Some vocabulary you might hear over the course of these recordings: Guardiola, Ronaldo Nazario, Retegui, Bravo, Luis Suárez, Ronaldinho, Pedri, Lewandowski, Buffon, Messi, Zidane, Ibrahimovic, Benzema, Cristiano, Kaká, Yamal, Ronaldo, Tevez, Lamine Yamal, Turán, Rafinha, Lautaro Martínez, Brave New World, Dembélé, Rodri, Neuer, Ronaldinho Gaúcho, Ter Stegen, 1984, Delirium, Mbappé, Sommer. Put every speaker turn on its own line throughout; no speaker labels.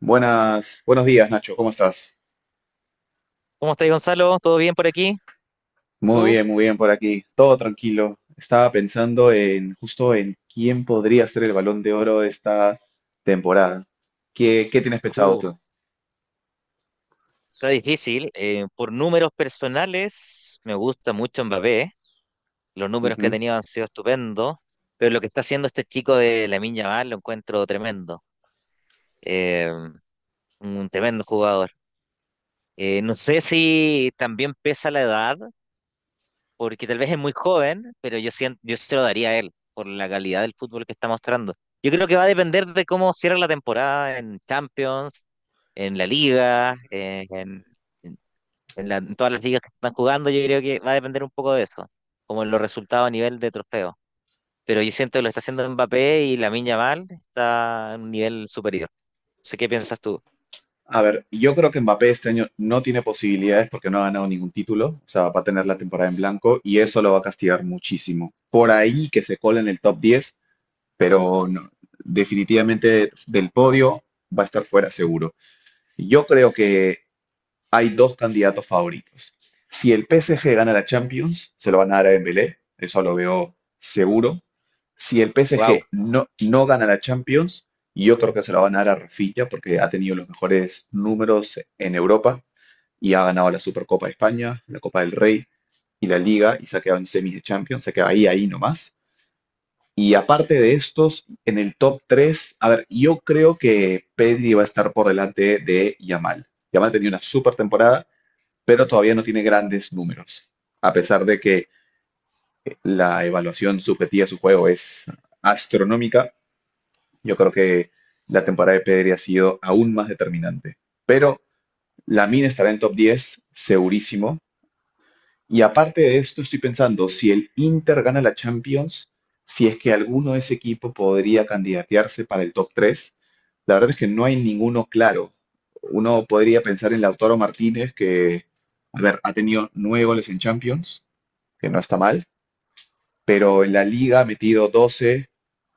Buenas, buenos días, Nacho, ¿cómo estás?
¿Cómo estás, Gonzalo? ¿Todo bien por aquí? ¿Tú?
Muy bien por aquí, todo tranquilo. Estaba pensando en justo en quién podría ser el Balón de Oro de esta temporada. ¿Qué tienes pensado
Uh,
tú?
Está difícil. Por números personales, me gusta mucho Mbappé. Los números que ha
Ujú.
tenido han sido estupendos. Pero lo que está haciendo este chico de Lamine Yamal lo encuentro tremendo. Eh, un tremendo jugador. No sé si también pesa la edad, porque tal vez es muy joven, pero yo siento, yo se lo daría a él por la calidad del fútbol que está mostrando. Yo creo que va a depender de cómo cierra la temporada en Champions, en la Liga, en- en en todas las ligas que están jugando. Yo creo que va a depender un poco de eso, como en los resultados a nivel de trofeo. Pero yo siento que lo está haciendo Mbappé y Lamine Yamal está a un nivel superior. No sé qué piensas tú.
A ver, yo creo que Mbappé este año no tiene posibilidades porque no ha ganado ningún título, o sea, va a tener la temporada en blanco y eso lo va a castigar muchísimo. Por ahí que se cola en el top diez, pero no, definitivamente del podio va a estar fuera seguro. Yo creo que hay dos candidatos favoritos. Si el PSG gana la Champions, se lo van a dar a Dembélé, eso lo veo seguro. Si el PSG
Wow.
no gana la Champions, yo creo que se lo van a dar a Rafinha porque ha tenido los mejores números en Europa y ha ganado la Supercopa de España, la Copa del Rey y la Liga y se ha quedado en semis de Champions, se queda ahí, ahí nomás. Y aparte de estos, en el top 3, a ver, yo creo que Pedri va a estar por delante de Yamal. Yamal tenía una super temporada, pero todavía no tiene grandes números. A pesar de que la evaluación subjetiva de su juego es astronómica, yo creo que la temporada de Pedri ha sido aún más determinante. Pero la mina estará en top 10, segurísimo. Y aparte de esto, estoy pensando, si el Inter gana la Champions, si es que alguno de ese equipo podría candidatearse para el top 3. La verdad es que no hay ninguno claro. Uno podría pensar en Lautaro Martínez, que, a ver, ha tenido nueve goles en Champions, que no está mal, pero en la liga ha metido 12,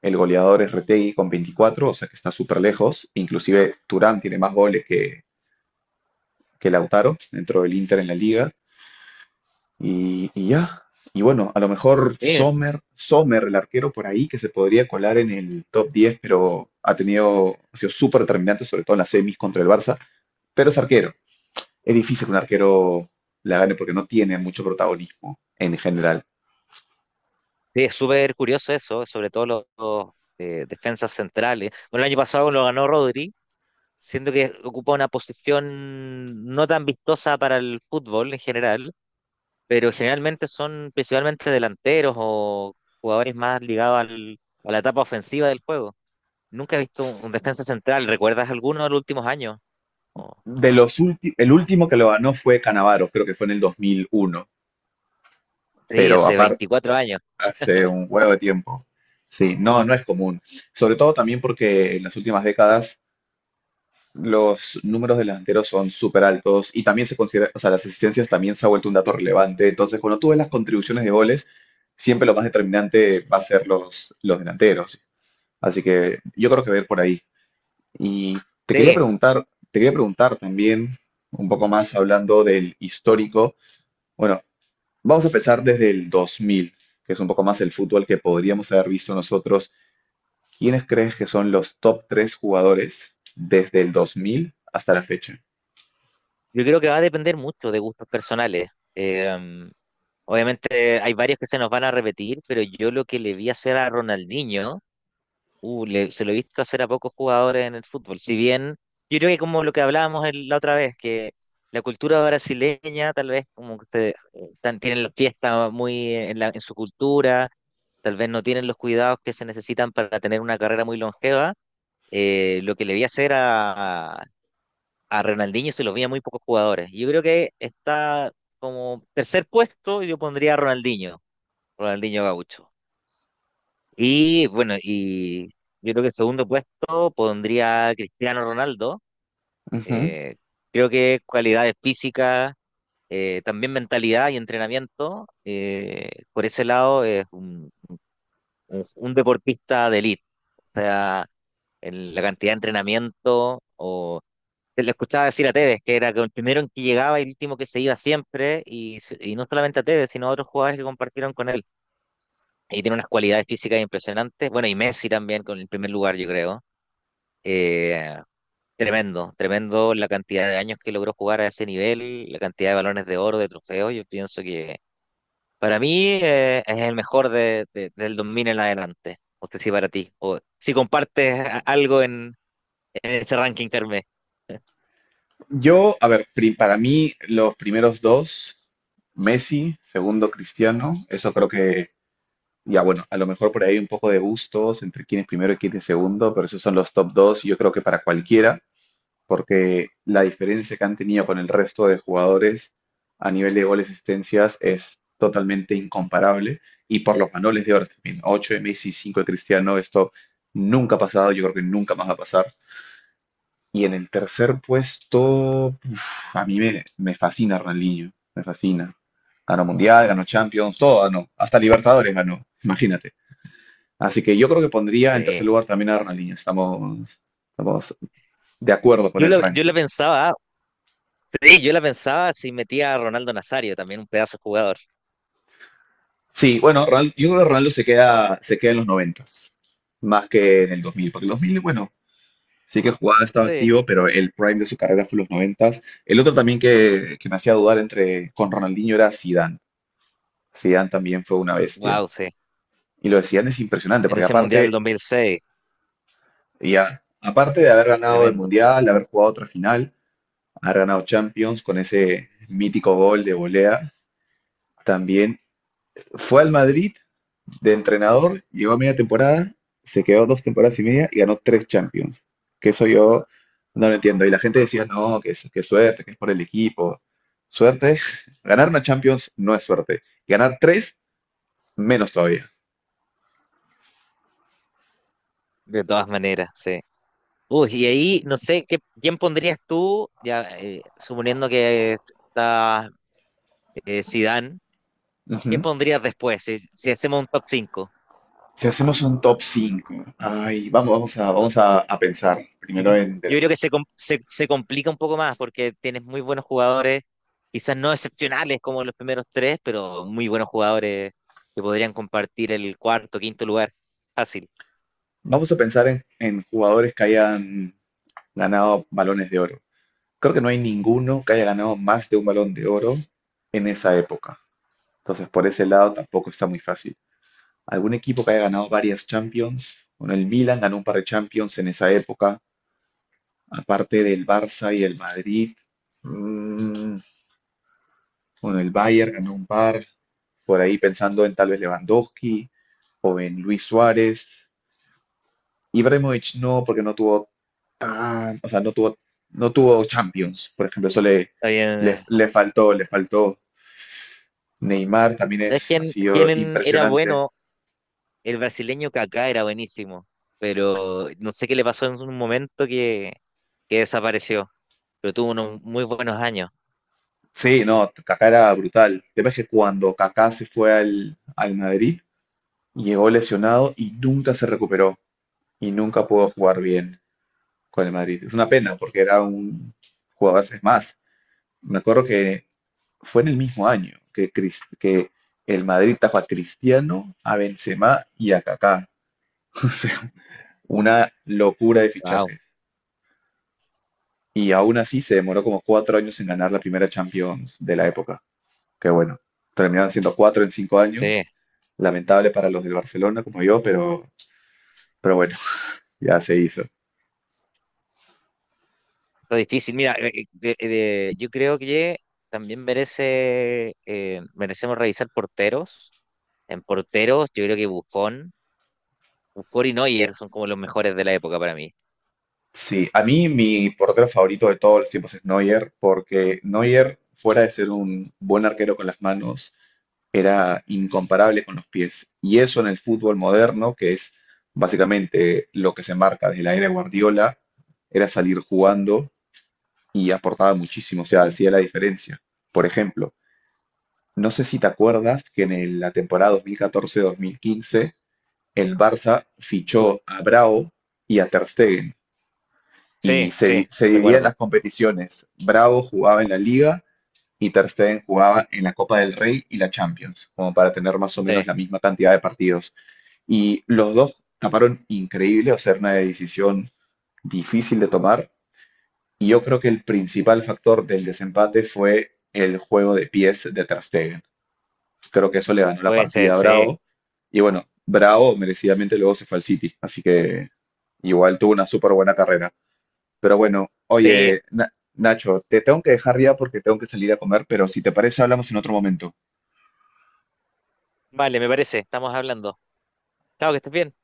el goleador es Retegui con 24, o sea que está súper lejos, inclusive Turán tiene más goles que Lautaro dentro del Inter en la liga, y ya, y bueno, a lo mejor
Sí,
Sommer, Sommer, el arquero por ahí, que se podría colar en el top 10, pero ha tenido, ha sido súper determinante, sobre todo en las semis contra el Barça, pero es arquero, es difícil que un arquero la gane porque no tiene mucho protagonismo en general.
sí, es súper curioso eso, sobre todo defensas centrales. Bueno, el año pasado lo ganó Rodri. Siento que ocupa una posición no tan vistosa para el fútbol en general, pero generalmente son principalmente delanteros o jugadores más ligados a la etapa ofensiva del juego. Nunca he visto un defensa central, ¿recuerdas alguno de los últimos años? O-
De los últimos, el último que lo ganó fue Canavaro, creo que fue en el dos mil uno,
sí,
pero
hace
aparte
24 años.
hace un huevo de tiempo. Sí, no, no es común. Sobre todo también porque en las últimas décadas los números de delanteros son súper altos y también se considera, o sea, las asistencias también se ha vuelto un dato relevante. Entonces, cuando tú ves las contribuciones de goles, siempre lo más determinante va a ser los delanteros. Así que yo creo que ver por ahí. Y te quería
Sí,
preguntar, te quería preguntar también un poco más hablando del histórico. Bueno, vamos a empezar desde el 2000, que es un poco más el fútbol que podríamos haber visto nosotros. ¿Quiénes crees que son los top tres jugadores desde el 2000 hasta la fecha?
yo creo que va a depender mucho de gustos personales. Eh, Obviamente hay varios que se nos van a repetir, pero yo lo que le vi hacer a Ronaldinho. Se lo he visto hacer a pocos jugadores en el fútbol. Si bien, yo creo que como lo que hablábamos la otra vez, que la cultura brasileña tal vez como que tienen la fiesta muy en, en su cultura, tal vez no tienen los cuidados que se necesitan para tener una carrera muy longeva. Lo que le vi hacer a Ronaldinho se lo vi a muy pocos jugadores. Yo creo que está como tercer puesto, yo pondría a Ronaldinho, Ronaldinho Gaúcho. Y bueno, y yo creo que el segundo puesto pondría a Cristiano Ronaldo.
Ujú.
Eh, Creo que cualidades físicas, también mentalidad y entrenamiento. Por ese lado es un, un deportista de élite. O sea, en la cantidad de entrenamiento o... te Le escuchaba decir a Tevez, que era que el primero en que llegaba y el último que se iba siempre, y, y no solamente a Tevez, sino a otros jugadores que compartieron con él y tiene unas cualidades físicas impresionantes. Bueno, y Messi también con el primer lugar, yo creo. Eh, Tremendo, tremendo la cantidad de años que logró jugar a ese nivel, la cantidad de balones de oro, de trofeos. Yo pienso que para mí es el mejor del 2000 en adelante. No sé si para ti, o si compartes algo en ese ranking, Carmen.
Yo, a ver, para mí los primeros dos, Messi, segundo Cristiano, eso creo que, ya bueno, a lo mejor por ahí un poco de gustos entre quién es primero y quién es segundo, pero esos son los top dos y yo creo que para cualquiera. Porque la diferencia que han tenido con el resto de jugadores a nivel de goles y asistencias es totalmente incomparable y por los manoles de horas también. 8 de Messi, 5 de Cristiano, esto nunca ha pasado, yo creo que nunca más va a pasar. Y en el tercer puesto, uf, a mí me fascina Ronaldinho, me fascina. Ganó Mundial, ganó Champions, todo ganó, hasta Libertadores ganó, imagínate. Así que yo creo que pondría en tercer
Sí.
lugar también a Ronaldinho, estamos, estamos de acuerdo con el
Yo lo
ranking.
pensaba, sí, yo la pensaba si metía a Ronaldo Nazario, también un pedazo de jugador.
Sí, bueno, yo creo que Ronaldo se queda en los noventas más que en el 2000, porque el 2000, bueno, sí que jugaba, estaba
Sí.
activo, pero el prime de su carrera fue los noventas. El otro también que me hacía dudar entre con Ronaldinho era Zidane. Zidane también fue una bestia.
Wow, sí.
Y lo de Zidane es impresionante,
En
porque
ese Mundial del
aparte,
2006,
ya, aparte de haber ganado el
tremendo.
Mundial, de haber jugado otra final, haber ganado Champions con ese mítico gol de volea, también fue al Madrid de entrenador, llegó a media temporada, se quedó dos temporadas y media y ganó tres Champions. Que eso yo no lo entiendo. Y la gente decía, no, que es, que suerte, que es por el equipo. Suerte. Ganar una Champions no es suerte. Ganar tres, menos todavía.
De todas maneras, sí. Uy, y ahí, no sé, ¿qué, quién pondrías tú, ya suponiendo que está Zidane, ¿quién
Ujú.
pondrías después si, si hacemos un top cinco?
Si hacemos un top 5, ay, vamos a pensar primero
Aquí,
en,
yo creo que se complica un poco más porque tienes muy buenos jugadores, quizás no excepcionales como los primeros tres, pero muy buenos jugadores que podrían compartir el cuarto, quinto lugar. Fácil.
vamos a pensar en jugadores que hayan ganado balones de oro. Creo que no hay ninguno que haya ganado más de un balón de oro en esa época. Entonces, por ese lado tampoco está muy fácil. Algún equipo que haya ganado varias Champions. Bueno, el Milan ganó un par de Champions en esa época, aparte del Barça y el Madrid. Mm, bueno, el Bayern ganó un par. Por ahí pensando en tal vez Lewandowski, o en Luis Suárez. Ibrahimovic no, porque no tuvo tan, o sea, no tuvo, no tuvo Champions. Por ejemplo, eso le,
Está bien.
le, le faltó, le faltó. Neymar también
¿Sabes
es, ha
quién,
sido
quién era
impresionante.
bueno? El brasileño Kaká era buenísimo, pero no sé qué le pasó en un momento que desapareció, pero tuvo unos muy buenos años.
Sí, no, Kaká era brutal. El tema es que cuando Kaká se fue al Madrid, llegó lesionado y nunca se recuperó y nunca pudo jugar bien con el Madrid. Es una pena porque era un jugador, es más, me acuerdo que fue en el mismo año que, que el Madrid tapó a Cristiano, a Benzema y a Kaká. Una locura de
Wow,
fichajes. Y aún así se demoró como cuatro años en ganar la primera Champions de la época. Que bueno, terminaron siendo cuatro en cinco años.
sí,
Lamentable para los del Barcelona como yo, pero bueno, ya se hizo.
fue difícil. Mira, yo creo que también merece, merecemos revisar porteros. En porteros, yo creo que Buffon, Buffon y Neuer son como los mejores de la época para mí.
Sí, a mí mi portero favorito de todos los tiempos es Neuer, porque Neuer, fuera de ser un buen arquero con las manos, era incomparable con los pies. Y eso en el fútbol moderno, que es básicamente lo que se marca desde la era de Guardiola, era salir jugando y aportaba muchísimo, o sea, hacía la diferencia. Por ejemplo, no sé si te acuerdas que en la temporada 2014-2015 el Barça fichó a Bravo y a Ter Stegen y
Sí, sí,
se
sí,
dividían
recuerdo.
las competiciones. Bravo jugaba en la Liga y Ter Stegen jugaba en la Copa del Rey y la Champions, como para tener más o
Sí,
menos la misma cantidad de partidos. Y los dos taparon increíble, o sea, era una decisión difícil de tomar. Y yo creo que el principal factor del desempate fue el juego de pies de Ter Stegen. Creo que eso le ganó la
puede ser,
partida a
sí,
Bravo. Y bueno, Bravo merecidamente luego se fue al City, así que igual tuvo una súper buena carrera. Pero bueno,
sí.
oye, Nacho, te tengo que dejar ya porque tengo que salir a comer, pero si te parece hablamos en otro momento.
Vale, me parece, estamos hablando. Chao, que estés bien.